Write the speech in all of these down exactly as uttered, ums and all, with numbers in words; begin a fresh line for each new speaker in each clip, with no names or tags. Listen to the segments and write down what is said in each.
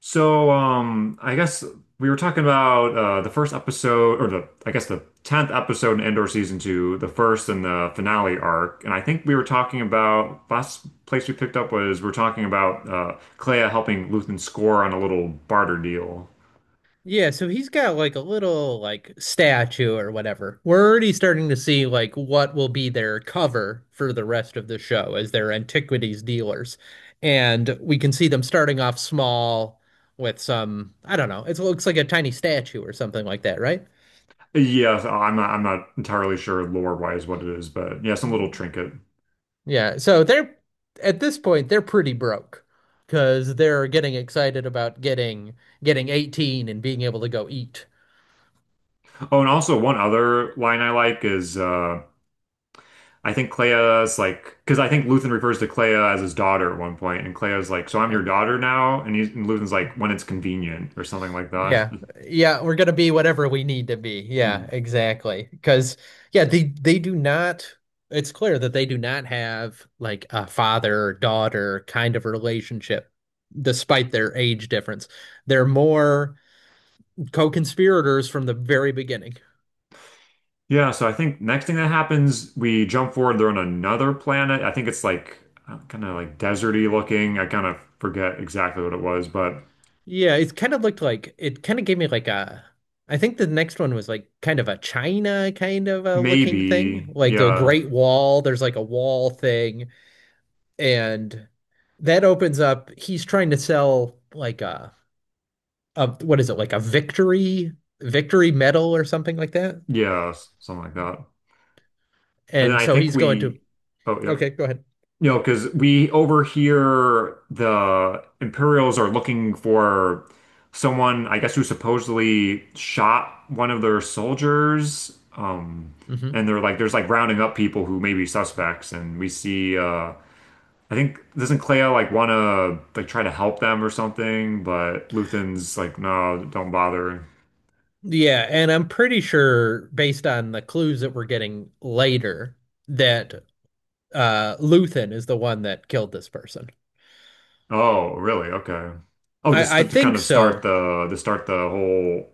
So, um, I guess we were talking about uh, the first episode, or the I guess the tenth episode in Endor season two, the first and the finale arc. And I think we were talking about last place we picked up was we were talking about uh, Clea helping Luthen score on a little barter deal.
Yeah, so he's got like a little like statue or whatever. We're already starting to see like what will be their cover for the rest of the show as their antiquities dealers. And we can see them starting off small with some, I don't know, it looks like a tiny statue or something like that, right?
Yes, I'm not I'm not entirely sure lore wise what it is, but yeah, some little
Mhm.
trinket.
Yeah, so they're at this point they're pretty broke because they're getting excited about getting getting eighteen and being able to go eat.
Oh, and also one other line I like is uh, I think Clea's like, because I think Luthen refers to Clea as his daughter at one point, and Clea's like, "So I'm
uh,
your daughter now," and, he's, and Luthen's like, "When it's convenient" or something like that.
Yeah. Yeah, we're gonna be whatever we need to be. Yeah,
Mhm.
exactly. Because yeah, they they do not it's clear that they do not have like a father daughter kind of relationship despite their age difference. They're more co-conspirators from the very beginning.
Yeah, so I think next thing that happens, we jump forward. They're on another planet. I think it's like kind of like deserty looking. I kind of forget exactly what it was, but
Yeah, it kind of looked like it kind of gave me like a I think the next one was like kind of a China kind of a looking thing,
maybe
like a
yeah,
Great Wall. There's like a wall thing and that opens up he's trying to sell like a, a what is it like a victory victory medal or something like that
yeah, s- something like that. And then
and
I
so
think
he's going to
we, oh yeah,
okay go ahead
You know,
no.
because we over here, the Imperials are looking for someone, I guess, who supposedly shot one of their soldiers. Um,
Hmm.
and they're like, there's like rounding up people who may be suspects. And we see, uh, I think, doesn't Clea like want to like try to help them or something? But Luthen's like, no, don't bother.
Yeah, and I'm pretty sure based on the clues that we're getting later that uh Luthen is the one that killed this person.
Oh, really? Okay. Oh, just
I i
to, to kind
think
of start
so.
the, to start the whole,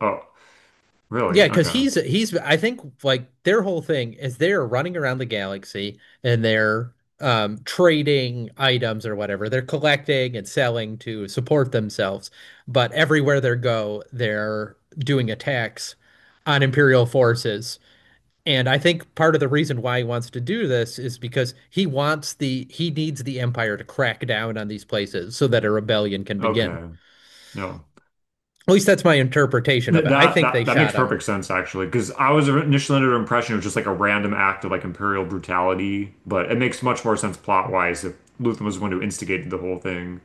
oh, really?
Yeah, because
Okay.
he's he's I think like their whole thing is they're running around the galaxy and they're um trading items or whatever. They're collecting and selling to support themselves, but everywhere they go, they're doing attacks on Imperial forces. And I think part of the reason why he wants to do this is because he wants the he needs the Empire to crack down on these places so that a rebellion can begin.
Okay. No.
At least that's my interpretation of
Th-
it. I
That
think they
that that makes
shot him.
perfect sense actually, because I was initially under the impression it was just like a random act of like imperial brutality, but it makes much more sense plot wise if Luthen was the one who instigated the whole thing.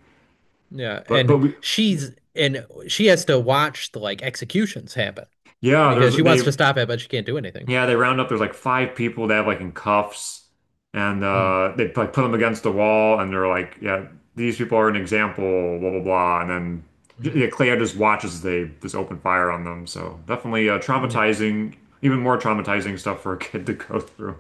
Yeah,
But but
and
we,
she's and she has to watch the like executions happen
yeah, there's
because she wants to
they
stop it, but she can't do anything.
yeah they round up there's like five people they have like in cuffs, and
Mm.
uh, they like put them against the wall, and they're like yeah these people are an example blah blah blah, and then yeah,
Mm.
yeah, Claire just watches as they just open fire on them. So definitely uh,
Yeah.
traumatizing, even more traumatizing stuff for a kid to go through.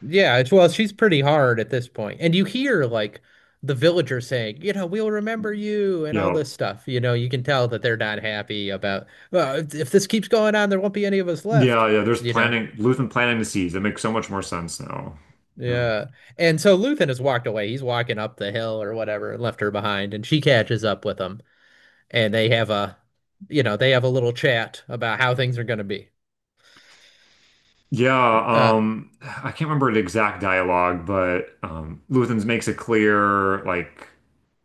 Yeah, it's well, she's pretty hard at this point. And you hear like the villagers saying, you know, we'll remember you and all
Yeah.
this stuff. You know, you can tell that they're not happy about, well, if, if this keeps going on, there won't be any of us left,
Yeah, yeah. There's
you know.
planting Luthen planting the seeds. That makes so much more sense now. Yeah.
Yeah. And so Luthen has walked away. He's walking up the hill or whatever and left her behind, and she catches up with him. And they have a you know they have a little chat about how things are going to be.
Yeah,
uh
um, I can't remember the exact dialogue, but um Luthen's makes it clear, like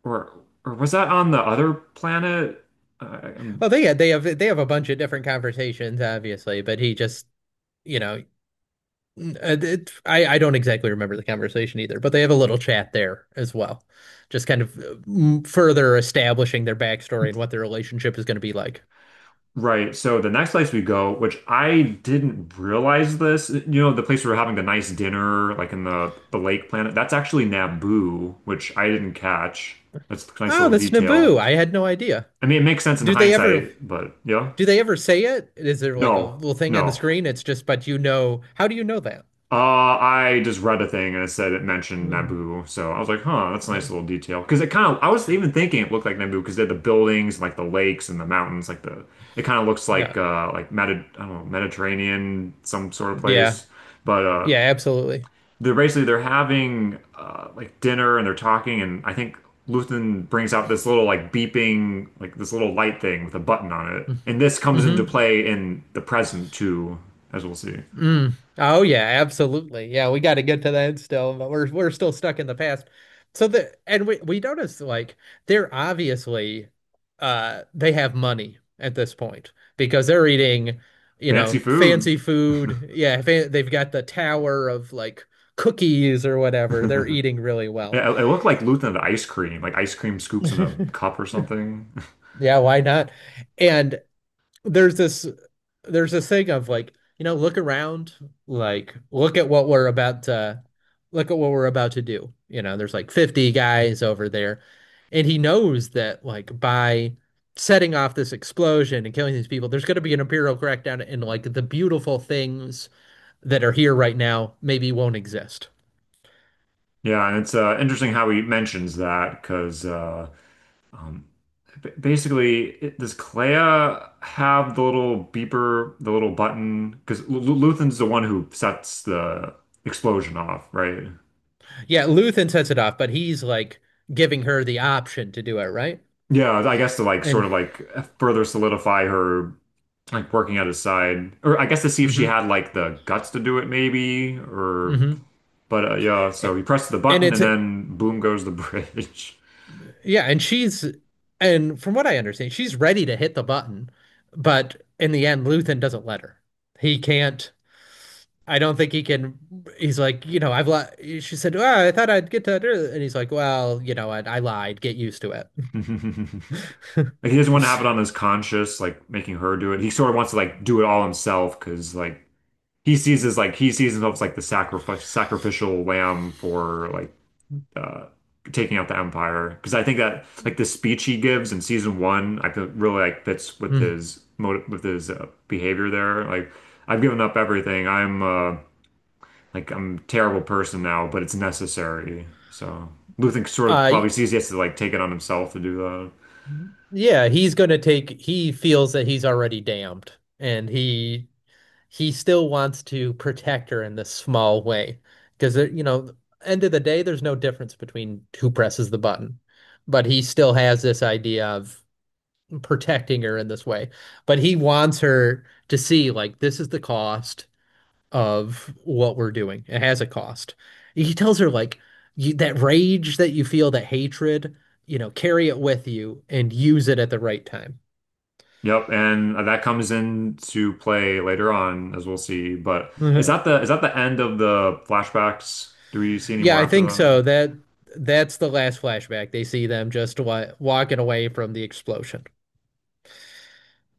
or or was that on the other planet? Uh, I'm
well they they have they have a bunch of different conversations obviously but he just you know uh, it, I I don't exactly remember the conversation either but they have a little chat there as well just kind of uh, further establishing their backstory and what their relationship is going to be like.
Right. So the next place we go, which I didn't realize this, you know, the place we were having the nice dinner, like in the the lake planet, that's actually Naboo, which I didn't catch. That's a nice
Oh,
little
that's
detail.
Naboo, I had no idea.
I mean, it makes sense in
Do they ever
hindsight, but yeah.
do they ever say it, is there like a
No,
little thing on the
no.
screen, it's just but you know how do you know that?
Uh, I just read a thing and it said it mentioned
Hmm.
Naboo, so I was like, huh, that's a
uh,
nice little detail. Because it kind of, I was even thinking it looked like Naboo because they had the buildings, like the lakes and the mountains, like the, it kind of looks
no.
like uh, like Medi I don't know, Mediterranean some sort of
Yeah.
place. But uh,
Yeah, absolutely.
they're basically they're having uh, like dinner and they're talking, and I think Luthen brings out this little like beeping like this little light thing with a button on it, and this comes into
Mm-hmm.
play in the present too, as we'll see.
Mm. Oh yeah, absolutely. Yeah, we got to get to that still, but we're we're still stuck in the past. So the and we we notice like they're obviously uh they have money at this point because they're eating, you
Fancy
know,
food.
fancy food. Yeah, fa they've got the tower of like cookies or whatever. They're
it,
eating really well.
it looked like Luthen had ice cream, like ice cream scoops in a cup or something.
Yeah, why not? And there's this there's this thing of like, you know, look around, like look at what we're about to look at what we're about to do. You know, there's like fifty guys over there, and he knows that like by setting off this explosion and killing these people, there's going to be an imperial crackdown, and like the beautiful things that are here right now maybe won't exist.
Yeah, and it's uh, interesting how he mentions that because. Uh, Um, b- Basically, it, does Clea have the little beeper, the little button? Because L L- Luthen's the one who sets the explosion off, right?
Yeah, Luthen sets it off, but he's like giving her the option to do it, right?
Yeah, I guess to like sort
And
of like further solidify her like working at his side, or I guess to see if she
mm-hmm,
had like the guts to do it, maybe. Or
mm-hmm.
but uh, yeah, so he presses the
And
button
it's
and then boom goes the bridge.
yeah, and she's and from what I understand, she's ready to hit the button, but in the end, Luthen doesn't let her. He can't. I don't think he can. He's like, you know, I've lied. She said, "Well, I thought I'd get to," do it." And he's like, "Well, you know, I, I lied. Get used to it."
Like he doesn't want to have it on his conscience, like making her do it. He sort of wants to like do it all himself because like he sees as like he sees himself as like the sacrifice sacrificial lamb for like uh taking out the empire because I think that like the speech he gives in season one I feel really like fits with
Mm.
his motive with his uh, behavior there like I've given up everything I'm uh like I'm a terrible person now but it's necessary so Luthen sort of
Uh,
probably sees he has to like take it on himself to do that.
yeah, he's gonna take. He feels that he's already damned, and he he still wants to protect her in this small way because you know, end of the day, there's no difference between who presses the button, but he still has this idea of protecting her in this way. But he wants her to see like this is the cost of what we're doing. It has a cost. He tells her like you, that rage that you feel, that hatred, you know, carry it with you and use it at the right time.
Yep, and that comes into play later on, as we'll see. But is that the is that the end of the flashbacks? Do we see any
Yeah,
more
I think
after
so. That that's the last flashback. They see them just wa walking away from the explosion.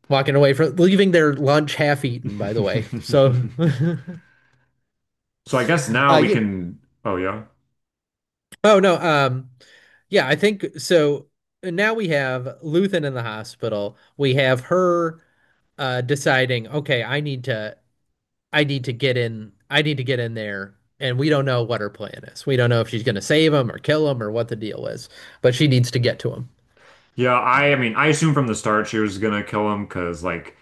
Walking away from leaving their lunch half eaten, by the way. So
that? So I guess now
uh
we
yeah.
can. Oh yeah,
Oh no, um yeah, I think so, now we have Luthen in the hospital. We have her uh deciding, okay, I need to I need to get in I need to get in there. And we don't know what her plan is. We don't know if she's gonna save him or kill him or what the deal is, but she needs to get to him.
yeah. I I mean, I assume from the start she was gonna kill him because like,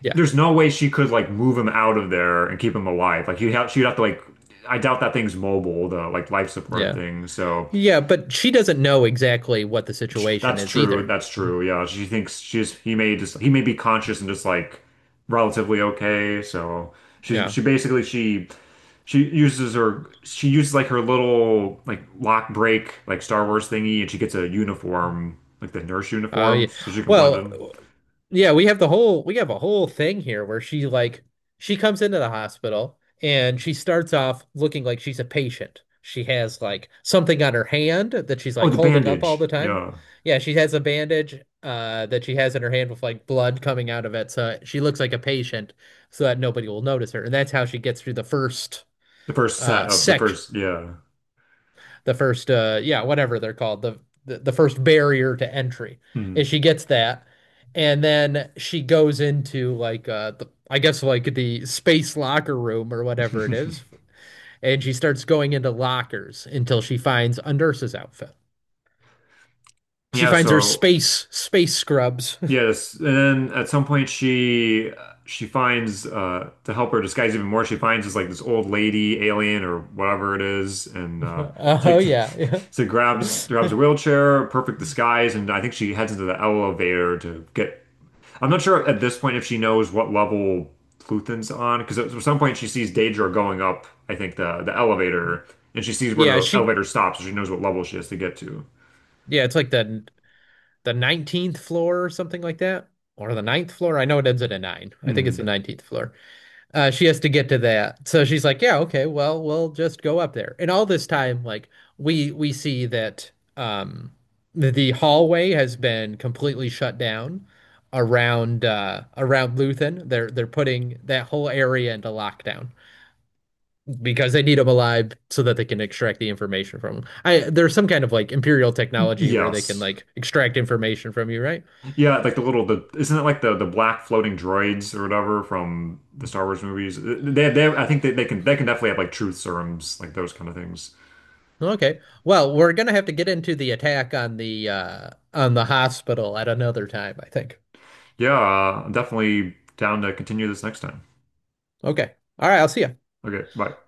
Yeah.
there's no way she could like move him out of there and keep him alive. Like he'd have she'd have to like. I doubt that thing's mobile, the like life support
Yeah.
thing. So
Yeah, but she doesn't know exactly what the situation
that's
is
true.
either.
That's true. Yeah, she thinks she's he may just he may be conscious and just like relatively okay. So she
Yeah.
she basically she she uses her she uses like her little like lock break like Star Wars thingy and she gets a uniform like the nurse
Oh, yeah.
uniform so she can blend
Well,
in.
yeah, we have the whole we have a whole thing here where she like she comes into the hospital and she starts off looking like she's a patient. She has like something on her hand that she's
Oh,
like
the
holding up all the
bandage.
time.
Yeah,
Yeah, she has a bandage uh that she has in her hand with like blood coming out of it, so she looks like a patient so that nobody will notice her. And that's how she gets through the first
the first set
uh
of the
sec
first. Yeah.
the first uh yeah whatever they're called the, the the first barrier to entry and
Hmm.
she gets that and then she goes into like uh the, I guess like the space locker room or whatever it is and she starts going into lockers until she finds a nurse's outfit, she
Yeah.
finds her
So
space space scrubs.
yes, and then at some point she she finds uh to help her disguise even more, she finds this like this old lady alien or whatever it is, and uh
Oh
takes
yeah.
so grabs grabs a wheelchair, perfect disguise, and I think she heads into the elevator to get. I'm not sure at this point if she knows what level Pluton's on, because at some point she sees Daedra going up, I think the the elevator, and she sees where
Yeah
the
she,
elevator stops, so she knows what level she has to get to.
yeah it's like the the nineteenth floor or something like that or the ninth floor, I know it ends at a nine I think it's
Mhm.
the nineteenth floor. Uh, she has to get to that. So she's like, yeah, okay, well, we'll just go up there. And all this time, like we we see that um the, the hallway has been completely shut down around uh around Luthen. They're they're putting that whole area into lockdown because they need him alive so that they can extract the information from him. I there's some kind of like imperial technology where they can
Yes.
like extract information from you, right?
Yeah, like the little the isn't it like the the black floating droids or whatever from the Star Wars movies? Uh, They they I think they, they can they can definitely have like truth serums like those kind of things.
Okay. Well, we're gonna have to get into the attack on the uh on the hospital at another time, I think.
Yeah, uh, I'm definitely down to continue this next time.
Okay. All right, I'll see you.
Okay, bye.